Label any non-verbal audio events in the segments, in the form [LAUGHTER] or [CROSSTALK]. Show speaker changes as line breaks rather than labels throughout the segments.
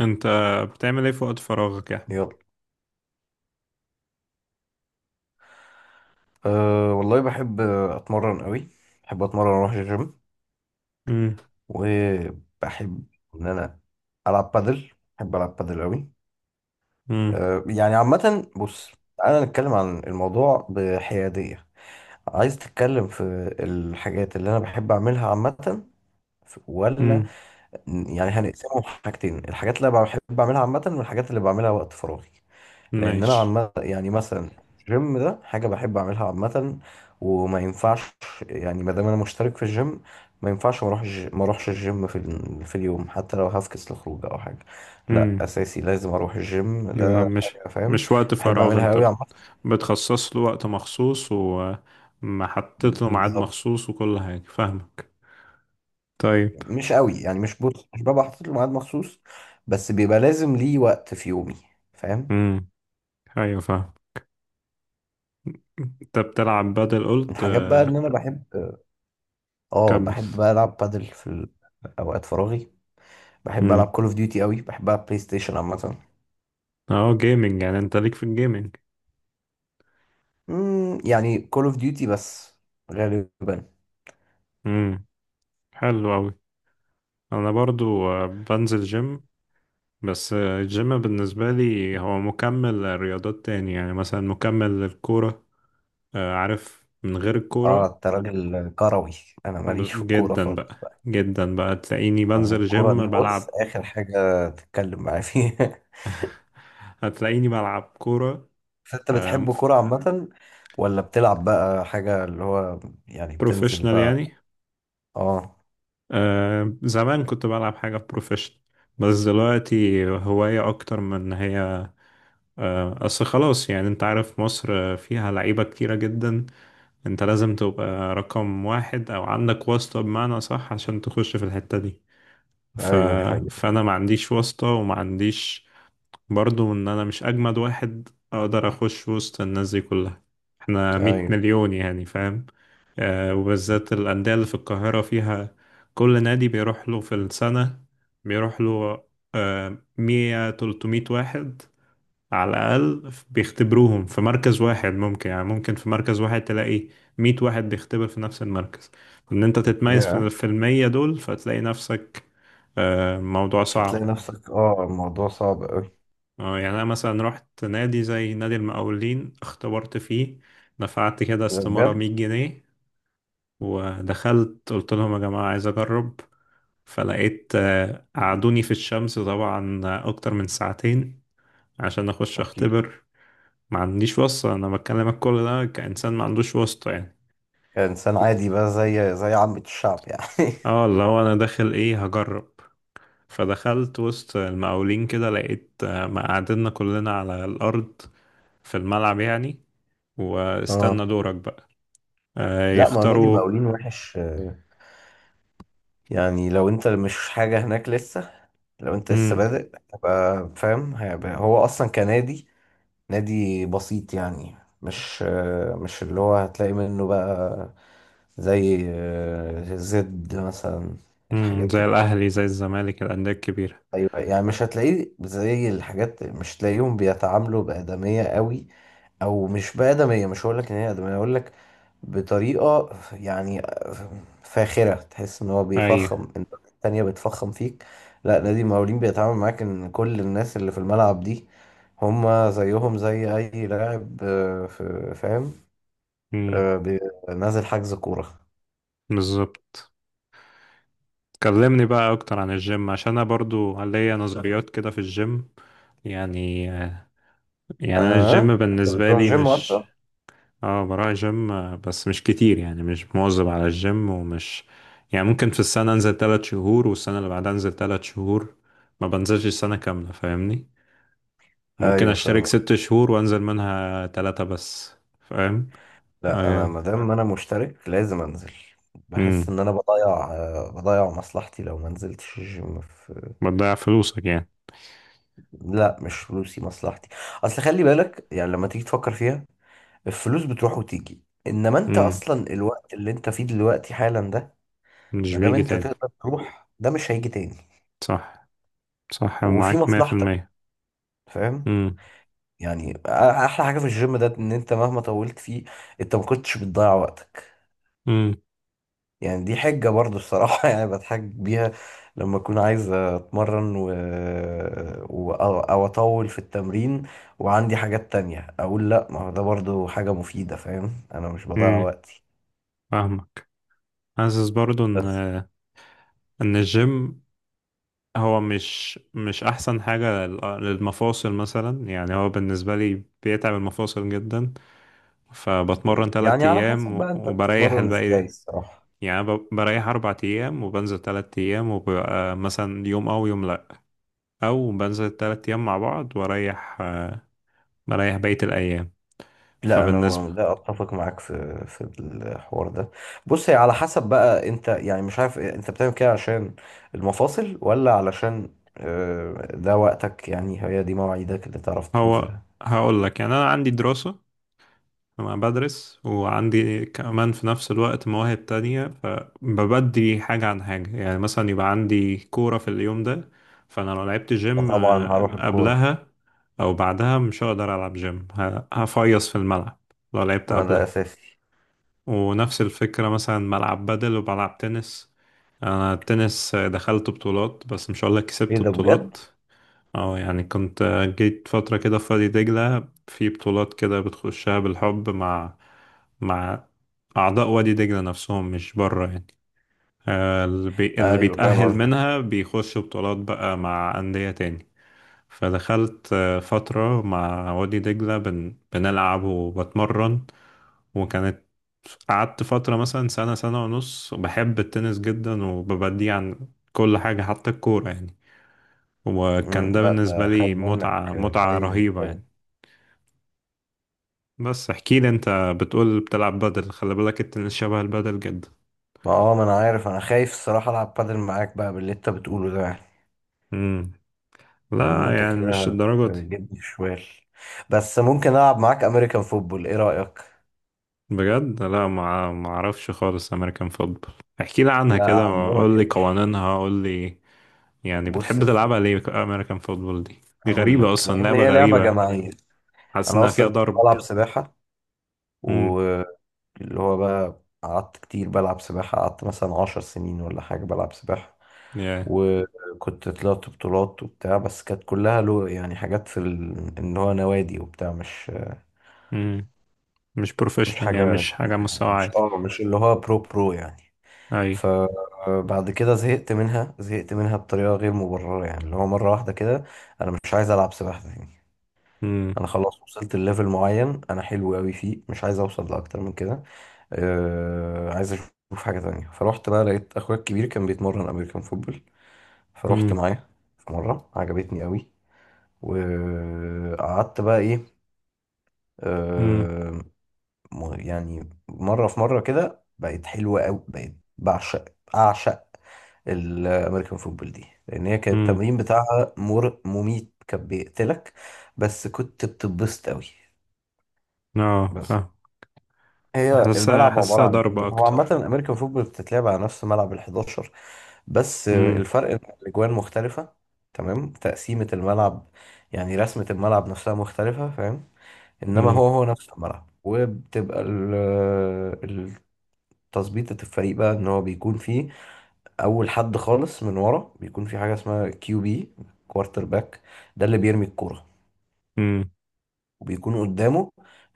انت بتعمل ايه في وقت فراغك يعني؟
يلا أه والله بحب اتمرن قوي. بحب اتمرن اروح الجيم.
امم.
وبحب ان انا العب بادل. بحب العب بادل قوي.
امم.
أه يعني عامه بص، انا نتكلم عن الموضوع بحياديه. عايز تتكلم في الحاجات اللي انا بحب اعملها عامه ولا،
امم.
يعني هنقسمهم حاجتين، الحاجات اللي أنا بحب اعملها عامه والحاجات اللي بعملها وقت فراغي. لان انا
ماشي.
عم يعني مثلا الجيم ده حاجه بحب اعملها عامه وما ينفعش، يعني ما دام انا مشترك في الجيم ما ينفعش ما اروحش الجيم في اليوم حتى لو هفكس لخروج او حاجه. لا
امم.
اساسي لازم اروح الجيم،
يبقى
ده
مش
حاجه. فاهم؟
مش وقت
بحب
فراغ
اعملها
انت
قوي عامه.
بتخصص له وقت مخصوص ومحطط له ميعاد
بالظبط.
مخصوص وكل حاجة، فاهمك. طيب.
مش قوي يعني، مش بص مش ببقى حاطط له ميعاد مخصوص، بس بيبقى لازم ليه وقت في يومي. فاهم؟
امم. ايوه، فاهم. انت بتلعب بدل قلت،
الحاجات بقى
آه،
ان انا بحب، اه
كمل.
بحب بقى العب بادل في اوقات فراغي. بحب العب
امم.
كول اوف ديوتي قوي، بحب العب بلاي ستيشن عامه.
اه، جيمنج، يعني انت ليك في الجيمنج.
يعني كول اوف ديوتي بس غالبا.
امم. حلو اوي. انا برضو، آه، بنزل جيم، بس الجيم بالنسبة لي هو مكمل لرياضات تاني، يعني مثلا مكمل للكورة. آه، عارف، من غير
اه
الكورة
انت راجل كروي، انا ماليش في الكوره
جدا بقى،
خالص بقى.
جدا بقى تلاقيني
يعني
بنزل
الكوره
جيم
دي بص
بلعب.
اخر حاجه تتكلم معايا فيها.
هتلاقيني بلعب كورة
[LAUGHS] فانت بتحب كوره عامه، ولا بتلعب بقى حاجه اللي هو، يعني بتنزل
بروفيشنال
بقى؟
يعني.
اه.
آه، زمان كنت بلعب حاجة بروفيشنال، بس دلوقتي هواية أكتر من إن هي. آه، أصل خلاص، يعني أنت عارف، مصر فيها لعيبة كتيرة جدا. انت لازم تبقى رقم واحد او عندك واسطة بمعنى صح عشان تخش في الحتة دي. ف...
ايوه دي حقيقة.
فانا ما عنديش واسطة وما عنديش برضو ان انا مش اجمد واحد اقدر اخش وسط الناس دي كلها. احنا 100
ايوه.
مليون، يعني فاهم. آه، وبالذات الاندية اللي في القاهرة فيها، كل نادي بيروح له في السنة، بيروح له، آه، مية تلتمية واحد على الأقل بيختبروهم في مركز واحد. ممكن يعني ممكن في مركز واحد تلاقي مية واحد بيختبر في نفس المركز. إن أنت تتميز في
يا.
في المية دول فتلاقي نفسك. آه، موضوع
فتلاقي
صعب.
نفسك، اه، الموضوع صعب قوي.
آه، يعني أنا مثلا رحت نادي زي نادي المقاولين، اختبرت فيه، دفعت كده استمارة
بجد.
100 جنيه، ودخلت قلت لهم يا جماعة عايز أجرب. فلقيت، آه، قعدوني في الشمس طبعا أكتر من ساعتين عشان أخش
اكيد.
أختبر. ما عنديش واسطة، انا بكلمك كل ده كإنسان ما عندوش واسطة يعني.
كإنسان عادي بقى، زي عامة الشعب يعني.
اه، اللي هو انا داخل ايه هجرب. فدخلت وسط المقاولين كده لقيت، آه، مقعدنا كلنا على الارض، في الملعب يعني،
[LAUGHS] اه.
واستنى دورك بقى. آه،
لا، ما هو نادي
يختاروا.
المقاولين وحش، يعني لو انت مش حاجة هناك لسه، لو انت لسه
امم.
بادئ تبقى فاهم، هيبقى هو اصلا كنادي، نادي بسيط يعني، مش مش اللي هو هتلاقي منه بقى زي زد مثلا.
امم،
الحاجات
زي
الت-
الاهلي زي الزمالك، الانديه الكبيره.
ايوه يعني مش هتلاقيه زي الحاجات، مش هتلاقيهم بيتعاملوا بآدمية قوي، او مش بآدمية، مش هقول لك ان هي آدمية، هقول لك بطريقة يعني فاخرة تحس ان هو
ايوه.
بيفخم، الناس التانية بتفخم فيك. لا نادي المقاولين بيتعامل معاك ان كل الناس اللي في الملعب دي هما زيهم زي اي لاعب فاهم؟
امم.
آه، بي- نازل حجز كورة.
بالظبط. كلمني بقى اكتر عن الجيم، عشان انا برضو ليا نظريات كده في الجيم، يعني، آه، يعني انا
اه
الجيم
انت
بالنسبه
بتروح
لي
جيم
مش.
اصلا؟
اه، بروح جيم، آه، بس مش كتير، يعني مش مواظب على الجيم، ومش يعني ممكن في السنة انزل 3 شهور، والسنة اللي بعدها انزل 3 شهور، ما بنزلش سنة كاملة، فاهمني. ممكن
ايوه
اشترك
فاهم.
6 شهور وانزل منها 3 بس، فاهم.
لا انا
اه.
ما دام انا مشترك لازم انزل. بحس
امم.
ان انا بضيع مصلحتي لو ما نزلتش الجيم. في
بتضيع فلوسك يعني.
لا مش فلوسي، مصلحتي. اصل خلي بالك يعني لما تيجي تفكر فيها، الفلوس بتروح وتيجي، انما انت
امم.
اصلا الوقت اللي انت فيه دلوقتي حالا ده
مش
ما دام
بيجي
انت
تاني.
تقدر تروح ده مش هيجي تاني.
صح. صح،
وفي
معاك مية في
مصلحتك.
المية
فاهم؟
امم.
يعني احلى حاجة في الجيم ده ان انت مهما طولت فيه انت ما كنتش بتضيع وقتك.
امم.
يعني دي حجة برضه الصراحة [LAUGHS] يعني بتحج بيها لما أكون عايز أتمرن و... و... أو أو أطول في التمرين وعندي حاجات تانية أقول لأ، ما هو ده برضه حاجة مفيدة. فاهم؟ أنا مش بضيع
امم.
وقتي.
فاهمك. حاسس برضو ان
بس
الجيم هو مش احسن حاجة للمفاصل مثلا، يعني هو بالنسبة لي بيتعب المفاصل جدا. فبتمرن
يعني
تلات
على حسب
ايام
بقى أنت
وبريح
بتتمرن
الباقي،
إزاي الصراحة.
يعني بريح 4 ايام وبنزل 3 ايام، وبيبقى مثلا يوم او يوم لا، او بنزل 3 ايام مع بعض واريح، بريح بقية الايام.
لا أنا
فبالنسبة،
لا أتفق معاك في الحوار ده. بص، هي على حسب بقى أنت، يعني مش عارف إيه، أنت بتعمل كده عشان المفاصل ولا علشان ده وقتك، يعني هي دي مواعيدك اللي تعرف
هو
تنزلها.
هقول لك، يعني انا عندي دراسة، أنا بدرس وعندي كمان في نفس الوقت مواهب تانية، فببدي حاجة عن حاجة، يعني مثلا يبقى عندي كورة في اليوم ده، فأنا لو لعبت جيم،
فطبعا
آه،
هروح الكورة.
قبلها أو بعدها مش هقدر ألعب جيم، هفيص في الملعب لو لعبت
ما ده
قبلها.
أساسي.
ونفس الفكرة مثلا ملعب بدل وبلعب تنس. أنا التنس، آه، دخلت بطولات، بس مش هقولك
إيه
كسبت
ده بجد؟
بطولات. اه، يعني كنت جيت فترة كده في وادي دجلة في بطولات كده بتخشها بالحب مع مع أعضاء وادي دجلة نفسهم، مش بره يعني. آه، اللي
أيوه فاهم
بيتأهل
قصدك.
منها بيخش بطولات بقى مع أندية تاني. فدخلت، آه، فترة مع وادي دجلة بنلعب وبتمرن، وكانت قعدت فترة مثلا سنة، سنة ونص، بحب التنس جدا وببديه عن كل حاجة حتى الكورة يعني. وكان
مم،
ده
لا
بالنسبة
ده خد
لي
منك
متعة، متعة
حيز
رهيبة
جامد.
يعني. بس احكي لي انت. بتقول بتلعب بدل، خلي بالك التنس شبه البدل جدا.
ما هو، ما أنا عارف، أنا خايف الصراحة ألعب بادل معاك بقى باللي أنت بتقوله ده يعني.
امم.
لأن
لا
أنت
يعني مش
كده
الدرجة دي.
هتجيبني شوال. بس ممكن ألعب معاك أمريكان فوتبول، إيه رأيك؟
بجد؟ لا، ما اعرفش خالص امريكان فوتبول. احكي لي عنها
لا
كده. قول
أعلمك يا
لي
باشا.
قوانينها، قول لي يعني
بص
بتحب
يا
تلعبها
سيدي،
ليه. امريكان فوتبول دي
هقول
غريبة
لك،
اصلا،
لأن
لعبة
هي لعبة
غريبة.
جماعية.
حاسس
أنا
انها فيها
أصلا كنت
ضرب.
بلعب سباحة، و
امم.
اللي هو بقى قعدت كتير بلعب سباحة، قعدت مثلا 10 سنين ولا حاجة بلعب سباحة.
يا.
وكنت طلعت بطولات وبتاع، بس كانت كلها له يعني حاجات في ان هو نوادي وبتاع، مش
امم. مش
مش
بروفيشنال يعني،
حاجة
مش حاجة
كبيرة
مستوى
يعني، مش
عالي.
اه مش اللي هو برو يعني.
اي.
فبعد كده زهقت منها، زهقت منها بطريقة غير مبررة، يعني اللي هو مرة واحدة كده انا مش عايز العب سباحة تاني.
امم.
انا خلاص وصلت لليفل معين، انا حلو قوي فيه، مش عايز اوصل لاكتر من كده. عايز اشوف حاجه تانية، فروحت بقى لقيت اخويا الكبير كان بيتمرن امريكان فوتبول، فروحت
امم.
معاه في مره، عجبتني قوي. وقعدت بقى، ايه، آه يعني مره في مره كده بقت حلوه قوي، بقت بعشق اعشق الامريكان فوتبول دي، لان هي كان
امم.
التمرين بتاعها مر مميت كان بيقتلك، بس كنت بتتبسط قوي.
اه،
بس
فاهم.
هي
حاسسها،
الملعب عبارة
حاسسها
عن
ضربة
إيه؟ هو عامة
أكتر.
الأمريكان فوتبول بتتلعب على نفس ملعب ال11، بس
امم.
الفرق إن الأجوان مختلفة، تمام؟ تقسيمة الملعب يعني رسمة الملعب نفسها مختلفة. فاهم؟ إنما
امم.
هو هو نفس الملعب، وبتبقى التظبيطة الفريق بقى، إن هو بيكون فيه أول حد خالص من ورا، بيكون في حاجة اسمها كيو بي، كوارتر باك، ده اللي بيرمي الكورة.
امم.
وبيكون قدامه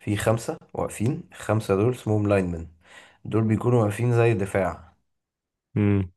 في خمسة واقفين، الخمسة دول اسمهم لاينمن، دول بيكونوا واقفين زي دفاع.
امم.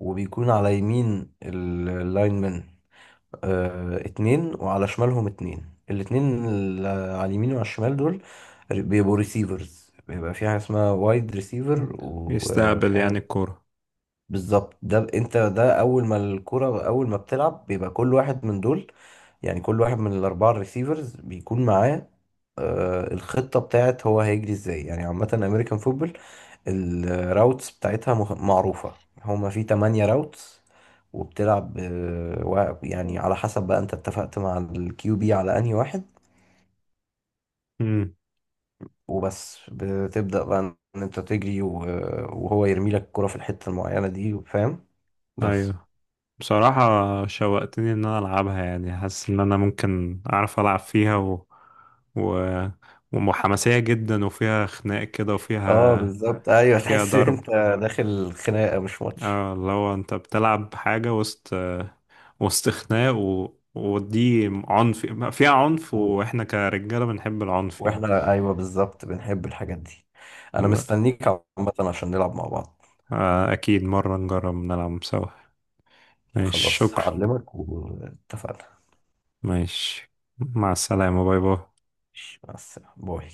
وبيكون على يمين اللاينمن اتنين، وعلى شمالهم اتنين. الاتنين اللي على اليمين وعلى الشمال دول بيبقوا ريسيفرز، بيبقى في حاجة اسمها وايد ريسيفر وفي.
يستقبل يعني الكورة.
بالظبط. ده انت ده اول ما الكرة، اول ما بتلعب بيبقى كل واحد من دول، يعني كل واحد من الاربعه الريسيفرز بيكون معاه الخطه بتاعت هو هيجري ازاي، يعني عامه امريكان فوتبول الراوتس بتاعتها معروفه، هما في 8 راوتس. وبتلعب يعني على حسب بقى انت اتفقت مع الكيو بي على انهي واحد،
امم.
وبس بتبدأ بقى ان انت تجري وهو يرمي لك الكرة في الحتة المعينة دي. فاهم؟ بس.
أيوه. بصراحة شوقتني إن أنا ألعبها. يعني حاسس إن أنا ممكن أعرف ألعب فيها، و... ومحمسية جدا، وفيها خناق كده،
اه
وفيها
بالظبط، ايوه
فيها
تحس ان
ضرب.
انت داخل خناقه مش ماتش.
اه، اللي هو أنت بتلعب حاجة وسط، وسط خناق، ودي عنف، فيها عنف،
و-
واحنا كرجالة بنحب العنف يعني.
واحنا ايوه بالظبط بنحب الحاجات دي. انا مستنيك عامه عشان نلعب مع بعض.
آه، أكيد مرة نجرب نلعب سوا. ماشي،
خلاص
شكرا.
هعلمك واتفقنا.
ماشي، مع السلامة، باي باي.
ماشي، مع السلامه باي.